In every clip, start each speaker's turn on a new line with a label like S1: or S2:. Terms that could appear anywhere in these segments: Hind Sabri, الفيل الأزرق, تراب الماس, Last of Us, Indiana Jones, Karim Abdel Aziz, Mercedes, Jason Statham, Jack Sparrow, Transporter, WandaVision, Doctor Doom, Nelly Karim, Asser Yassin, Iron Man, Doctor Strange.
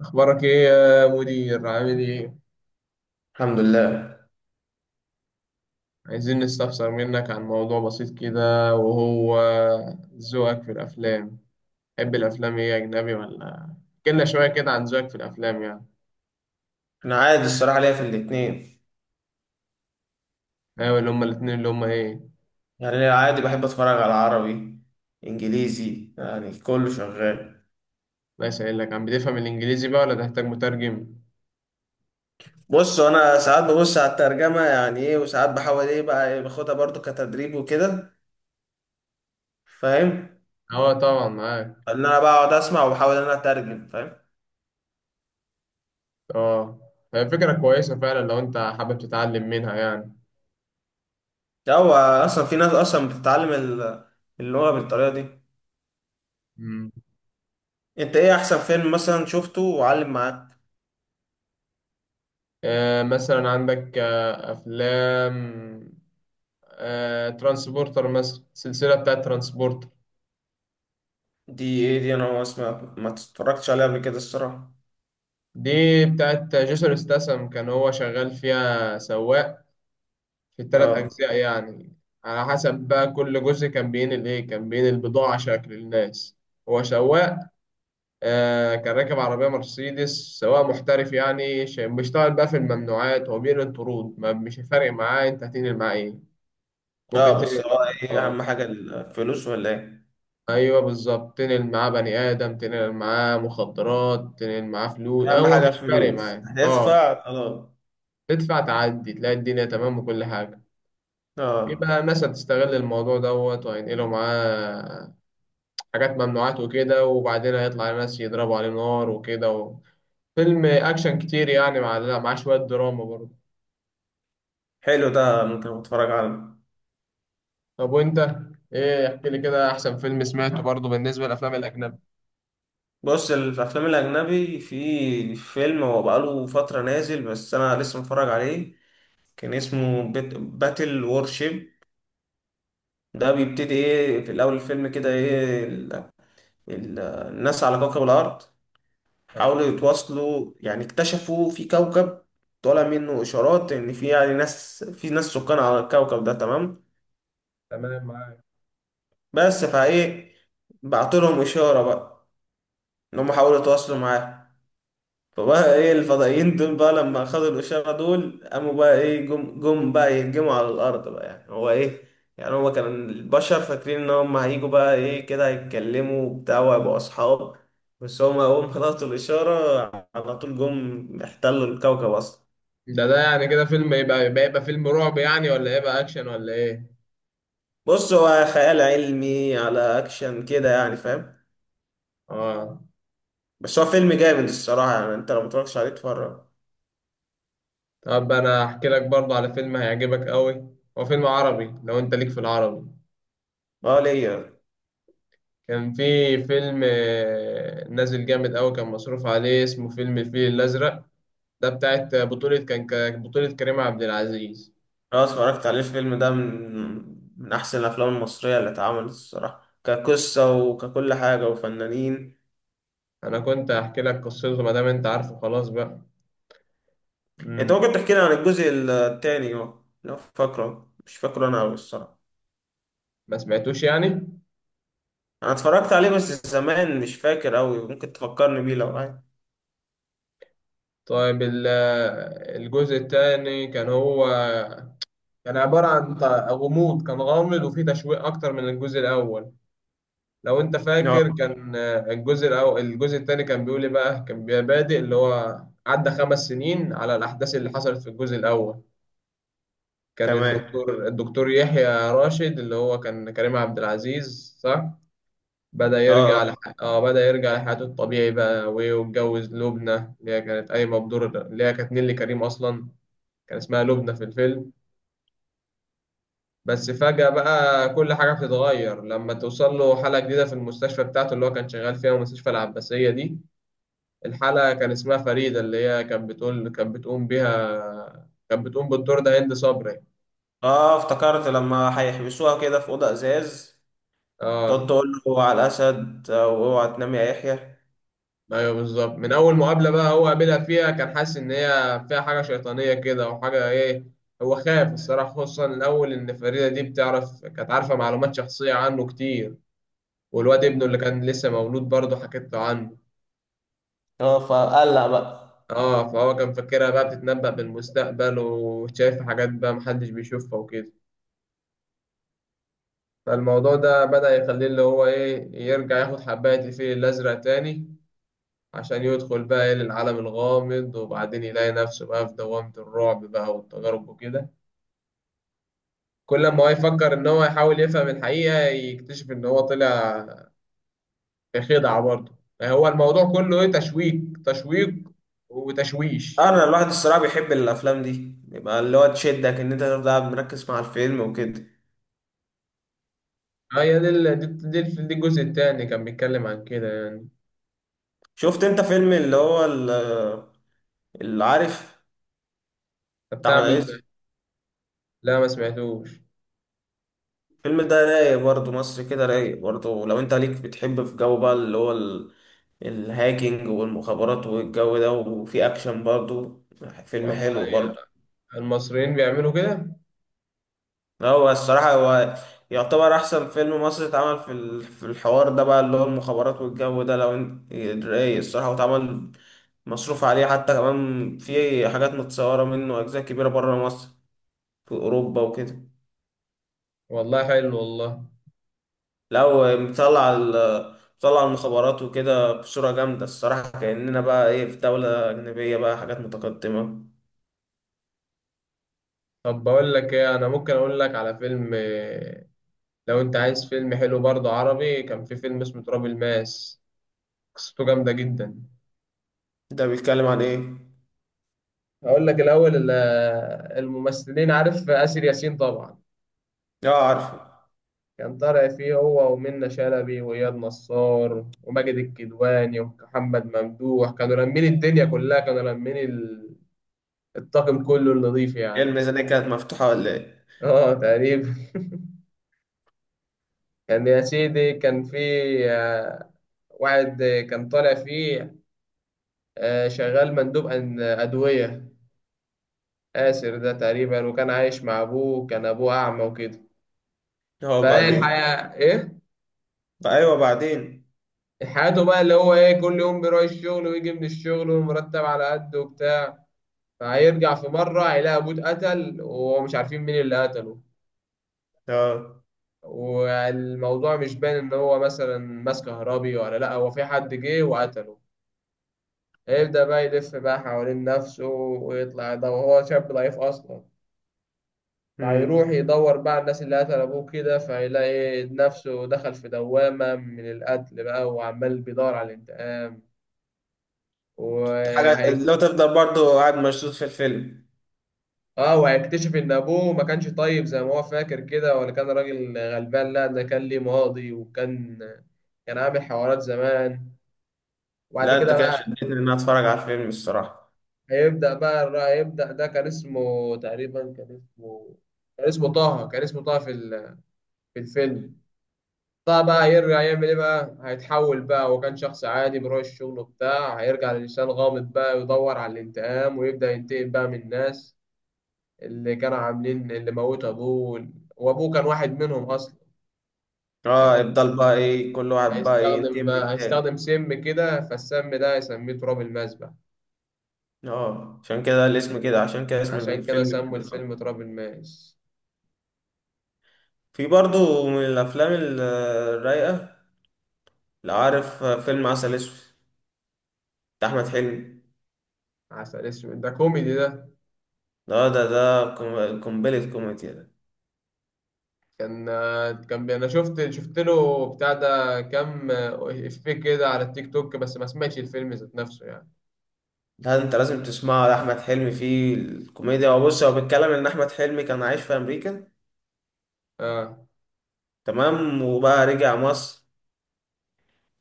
S1: أخبارك إيه يا مدير؟ عامل إيه؟
S2: الحمد لله.
S1: عايزين نستفسر منك عن موضوع بسيط كده وهو ذوقك في الأفلام، تحب الأفلام إيه أجنبي ولا؟ احكيلنا شوية كده عن ذوقك في الأفلام يعني.
S2: انا عادي الصراحه ليا في الاتنين.
S1: أيوة اللي هما الاتنين اللي هما إيه؟
S2: يعني أنا عادي بحب اتفرج على عربي انجليزي، يعني كله شغال.
S1: الله يسهلك، عم بتفهم الإنجليزي بقى ولا تحتاج مترجم؟
S2: بص انا ساعات ببص على الترجمه، يعني ايه، وساعات بحاول ايه بقى إيه باخدها برضو كتدريب وكده، فاهم؟
S1: أه طبعا معاك.
S2: ان انا بقعد اسمع وبحاول ان انا اترجم، فاهم؟
S1: أه، هي فكرة كويسة فعلا لو أنت حابب تتعلم منها يعني.
S2: ده هو اصلا في ناس اصلا بتتعلم اللغه بالطريقه دي.
S1: مم.
S2: انت ايه احسن فيلم مثلا شفته وعلم معاك؟
S1: آه مثلا عندك أفلام، ترانسبورتر مثلا، السلسلة بتاعت ترانسبورتر.
S2: دي ايه دي؟ انا ما اسمع ما اتفرجتش عليه قبل كده الصراحه.
S1: دي بتاعت جيسون استسم، كان هو شغال فيها سواق في التلات
S2: اه.
S1: أجزاء يعني. على حسب بقى كل جزء كان بينقل إيه، كان بينقل بضاعة شكل للناس. هو سواق، آه كان راكب عربية مرسيدس. سواق محترف يعني بيشتغل بقى في الممنوعات، هو بينقل طرود، ما مش فارق معاه أنت هتنقل معاه إيه، ممكن
S2: اه بس
S1: تنقل.
S2: هو ايه
S1: آه
S2: اهم حاجة الفلوس ولا ايه؟
S1: أيوه بالظبط، تنقل معاه بني آدم، تنقل معاه مخدرات، تنقل معاه فلوس،
S2: اهم
S1: هو
S2: حاجة
S1: مش فارق
S2: الفلوس
S1: معاه. آه
S2: هتدفع خلاص.
S1: تدفع تعدي تلاقي الدنيا تمام وكل حاجة.
S2: اه،
S1: يبقى مثلا تستغل الموضوع دوت وهينقلوا معاه حاجات ممنوعات وكده، وبعدين هيطلع ناس يضربوا عليه نار وكده فيلم أكشن كتير يعني، مع لا مع شوية دراما برضه.
S2: حلو، ده ممكن اتفرج عليه.
S1: طب وأنت إيه، احكي لي كده أحسن فيلم سمعته برضه بالنسبة للأفلام الأجنبي.
S2: بص، الافلام الاجنبي في فيلم هو بقاله فترة نازل بس انا لسه متفرج عليه، كان اسمه بيت باتل وورشيب. ده بيبتدي ايه في الاول الفيلم كده، ايه الناس على كوكب الارض
S1: طب
S2: حاولوا يتواصلوا، يعني اكتشفوا في كوكب طالع منه اشارات ان في يعني ناس، في ناس سكان على الكوكب ده، تمام.
S1: تمام معاك.
S2: بس فايه بعت لهم اشاره بقى ان هم حاولوا يتواصلوا معاه. فبقى ايه الفضائيين دول بقى لما خدوا الاشاره دول قاموا بقى ايه، جم بقى يهجموا على الارض بقى. يعني هو ايه، يعني هو كان البشر فاكرين ان هم هيجوا بقى ايه كده، هيتكلموا وبتاع وهيبقوا اصحاب، بس هم اول ما خلصوا الاشاره على طول جم احتلوا الكوكب اصلا.
S1: ده يعني كده فيلم يبقى فيلم رعب يعني، ولا يبقى أكشن ولا إيه؟
S2: بص هو خيال علمي على اكشن كده يعني، فاهم؟
S1: آه.
S2: بس هو فيلم جامد الصراحه، يعني انت لو متفرجتش عليه اتفرج.
S1: طب أنا أحكي لك برضه على فيلم هيعجبك أوي، هو فيلم عربي لو أنت ليك في العربي.
S2: اه ليا.
S1: كان في فيلم، آه، نازل جامد أوي، كان مصروف عليه، اسمه فيلم الفيل الأزرق. ده بتاعت بطولة كان كان بطولة كريم عبد العزيز.
S2: اه اتفرجت عليه الفيلم ده، من احسن الافلام المصريه اللي اتعملت الصراحه، كقصه وككل حاجه وفنانين.
S1: أنا كنت هحكي لك قصته، ما دام أنت عارفه خلاص بقى.
S2: انت
S1: مم.
S2: ممكن تحكي لي عن الجزء التاني؟ اه لو فاكره، مش فاكره انا قوي الصراحه.
S1: ما سمعتوش يعني.
S2: انا اتفرجت عليه بس زمان مش فاكر قوي، ممكن تفكرني بيه لو عايز.
S1: طيب الجزء الثاني كان هو كان عبارة عن غموض، كان غامض وفيه تشويق أكتر من الجزء الأول. لو انت
S2: اه.
S1: فاكر كان، آه، الجزء الاول الجزء الثاني كان بيقول ايه بقى، كان بيبقى بادئ اللي هو عدى 5 سنين على الاحداث اللي حصلت في الجزء الاول. كان
S2: تمام.
S1: الدكتور يحيى راشد اللي هو كان كريم عبد العزيز، صح. بدأ
S2: اه.
S1: يرجع اه بدأ يرجع لحياته الطبيعي بقى، وايه واتجوز لبنى اللي هي كانت قايمة بدور، اللي هي كانت نيللي كريم اصلا. كان اسمها لبنى في الفيلم. بس فجأة بقى كل حاجة بتتغير لما توصل له حالة جديدة في المستشفى بتاعته اللي هو كان شغال فيها، المستشفى العباسية دي. الحلقة كان اسمها فريدة، اللي هي كانت بتقول، كانت بتقوم بيها، كانت بتقوم بالدور ده هند صبري.
S2: اه افتكرت لما هيحبسوها كده في اوضه ازاز،
S1: اه
S2: تقعد تقول له على الاسد آه، واوعى تنام يا يحيى.
S1: ايوه بالظبط، من اول مقابلة بقى هو قابلها فيها كان حاسس ان هي فيها حاجة شيطانية كده، وحاجة ايه. هو خاف الصراحة، خصوصا الاول، ان فريدة دي بتعرف، كانت عارفة معلومات شخصية عنه كتير، والواد ابنه اللي كان لسه مولود برضه حكيت له عنه.
S2: اه فقلق بقى.
S1: اه فهو كان فاكرها بقى بتتنبأ بالمستقبل، وشايف حاجات بقى محدش بيشوفها وكده. فالموضوع ده بدأ يخليه اللي هو إيه يرجع ياخد حباية الفيل الأزرق تاني، عشان يدخل بقى إيه للعالم الغامض، وبعدين يلاقي نفسه بقى في دوامة الرعب بقى والتجارب وكده. كل ما هو يفكر إن هو يحاول يفهم الحقيقة، يكتشف إن هو طلع في خدعة برضه. يعني هو الموضوع كله إيه، تشويق، تشويق وتشويش
S2: آه، انا
S1: يعني.
S2: الواحد الصراحه بيحب الافلام دي، بيبقى اللي هو تشدك ان انت تفضل قاعد مركز مع الفيلم وكده.
S1: آه، هي دي دي الجزء التاني كان بيتكلم عن كده يعني.
S2: شفت انت فيلم اللي هو اللي عارف،
S1: طب
S2: بتاع
S1: بتاع
S2: احمد
S1: مين ده؟
S2: عز؟
S1: لا ما سمعتوش.
S2: الفيلم ده رايق برضه، مصر كده رايق برضه لو انت ليك بتحب في جو بقى اللي هو الهاكينج والمخابرات والجو ده، وفي اكشن برضه، فيلم
S1: والله
S2: حلو برضه.
S1: يا- المصريين بيعملوا كده.
S2: هو الصراحة هو يعتبر أحسن فيلم مصري اتعمل في في الحوار ده بقى اللي هو المخابرات والجو ده لو انت رايق الصراحة، واتعمل مصروف عليه، حتى كمان في حاجات متصورة منه أجزاء كبيرة بره مصر، في أوروبا وكده.
S1: والله حلو والله.
S2: لو مطلع مطلع المخابرات وكده بصورة جامدة الصراحة، كأننا بقى إيه في دولة أجنبية بقى، حاجات متقدمة.
S1: طب بقول لك ايه، انا ممكن اقول لك على فيلم، آه، لو انت عايز فيلم حلو برضه عربي، كان في فيلم اسمه تراب الماس. قصته جامدة جدا.
S2: ده بيتكلم عن إيه؟
S1: هقول لك الاول آه، الممثلين، عارف آسر ياسين طبعا.
S2: آه عارفه.
S1: كان طالع فيه هو ومنة شلبي وإياد نصار وماجد الكدواني ومحمد ممدوح، كانوا لامين الدنيا كلها، كانوا لامين الطاقم كله النظيف
S2: هي
S1: يعني.
S2: الميزانية كانت مفتوحة ولا إيه؟
S1: اه تقريبا. كان يا سيدي كان في، آه، واحد، آه، كان طالع فيه، آه، شغال مندوب أدوية، آسر ده تقريبا. وكان عايش مع أبوه، كان أبوه أعمى وكده.
S2: هو
S1: فإيه يا
S2: بعدين.
S1: الحياة إيه؟
S2: بقى أيوه بعدين.
S1: حياته بقى اللي هو إيه، كل يوم بيروح الشغل ويجي من الشغل والمرتب على قده وبتاع. فهيرجع في مرة هيلاقي أبوه اتقتل، ومش عارفين مين اللي قتله،
S2: آه.
S1: والموضوع مش باين إن هو مثلا ماس كهربي ولا لأ، هو في حد جه وقتله. هيبدأ بقى يلف بقى حوالين نفسه ويطلع ده، وهو شاب ضعيف أصلا. فهيروح
S2: امم
S1: يدور بقى على الناس اللي قتل أبوه كده، فهيلاقي نفسه دخل في دوامة من القتل بقى، وعمال بيدور على الانتقام
S2: حاجة
S1: وهي...
S2: لو تفضل برضو قاعد مشدود في الفيلم.
S1: اه وهيكتشف ان ابوه ما كانش طيب زي ما هو فاكر كده، ولا كان راجل غلبان، لا ده كان ليه ماضي، وكان عامل حوارات زمان. وبعد
S2: لا
S1: كده
S2: انت كده
S1: بقى
S2: شدتني ان انا اتفرج على الفيلم الصراحة.
S1: هيبدأ، ده كان اسمه تقريبا، كان اسمه طه كان اسمه طه في في الفيلم. طبعا بقى هيرجع يعمل ايه بقى، هيتحول بقى، هو كان شخص عادي بيروح الشغل بتاع، هيرجع لإنسان غامض بقى يدور على الانتقام، ويبدأ ينتقم بقى من الناس اللي كانوا عاملين، اللي موتوا أبوه، وأبوه كان واحد منهم أصلا.
S2: اه
S1: هيحط،
S2: يفضل بقى ايه كل واحد بقى ايه
S1: هيستخدم
S2: ينتقم من
S1: بقى،
S2: التاني.
S1: هيستخدم سم كده، فالسم ده هيسميه تراب الماس بقى.
S2: اه عشان كده الاسم كده، عشان كده اسم
S1: عشان كده
S2: الفيلم
S1: سموا
S2: كده.
S1: الفيلم تراب الماس.
S2: في برضو من الافلام الرايقة، لو عارف فيلم عسل اسود بتاع احمد حلمي؟
S1: عسل اسود ده كوميدي ده.
S2: ده ده ده قنبلة كوميديا ده.
S1: كان انا شفت له بتاع ده كام افيه كده على التيك توك، بس ما سمعتش الفيلم ذات نفسه يعني.
S2: ده انت لازم تسمعه، ده احمد حلمي فيه الكوميديا، وبص هو بيتكلم ان احمد حلمي كان عايش في امريكا.
S1: اه
S2: تمام، وبقى رجع مصر.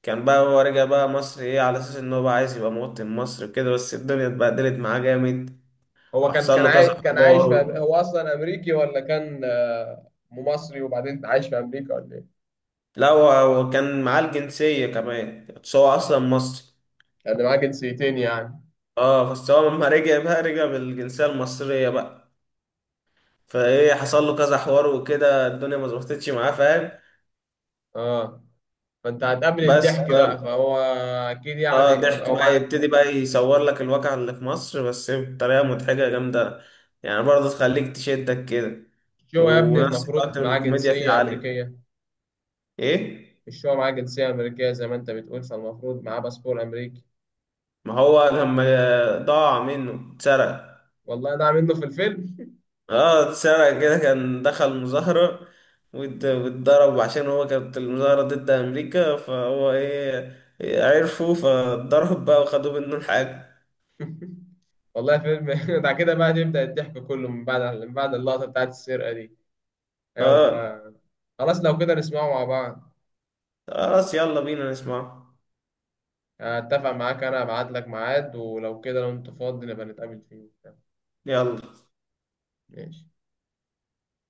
S2: كان بقى هو رجع بقى مصر ايه على اساس ان هو بقى عايز يبقى مواطن مصر وكده، بس الدنيا اتبهدلت معاه جامد،
S1: هو كان
S2: وحصل
S1: كان
S2: له كذا
S1: عايش كان عايش في
S2: حوار.
S1: هو اصلا امريكي ولا كان، آه، مصري وبعدين عايش في امريكا ولا ايه؟
S2: لا هو كان معاه الجنسية كمان بس هو اصلا مصري.
S1: كان معاه جنسيتين يعني.
S2: اه بس هو لما رجع بقى رجع بالجنسية المصرية بقى، فايه حصل له كذا حوار وكده الدنيا ما ظبطتش معاه، فاهم؟
S1: اه فانت هتقابل
S2: بس
S1: الضحك بقى،
S2: ف-
S1: فهو اكيد
S2: اه
S1: يعني
S2: ضحك
S1: هو
S2: بقى يبتدي بقى يصور لك الواقع اللي في مصر بس بطريقة مضحكة جامدة، يعني برضه تخليك تشدك كده.
S1: مش هو يا ابني
S2: ونفس الوقت
S1: المفروض معاه
S2: الكوميديا فيه
S1: جنسية
S2: عالية.
S1: امريكية؟
S2: ايه.
S1: مش هو معاه جنسية امريكية زي ما انت بتقول، فالمفروض معاه باسبور امريكي.
S2: ما هو لما ضاع منه اتسرق.
S1: والله ده منه في الفيلم.
S2: اه اتسرق كده، كان دخل مظاهرة واتضرب عشان هو كانت المظاهرة ضد أمريكا، فهو ايه إيه، عرفوا فاتضرب بقى وخدوا منه الحاجة.
S1: والله فيلم. بعد كده بقى يبدأ الضحك كله، من بعد اللقطة بتاعت السرقة دي. ايوه
S2: اه.
S1: بقى. خلاص لو كده نسمعه مع بعض.
S2: آه، خلاص يلا بينا نسمعه.
S1: اتفق معاك، انا ابعت لك ميعاد، ولو كده لو انت فاضي نبقى نتقابل فيه.
S2: يلا.
S1: ماشي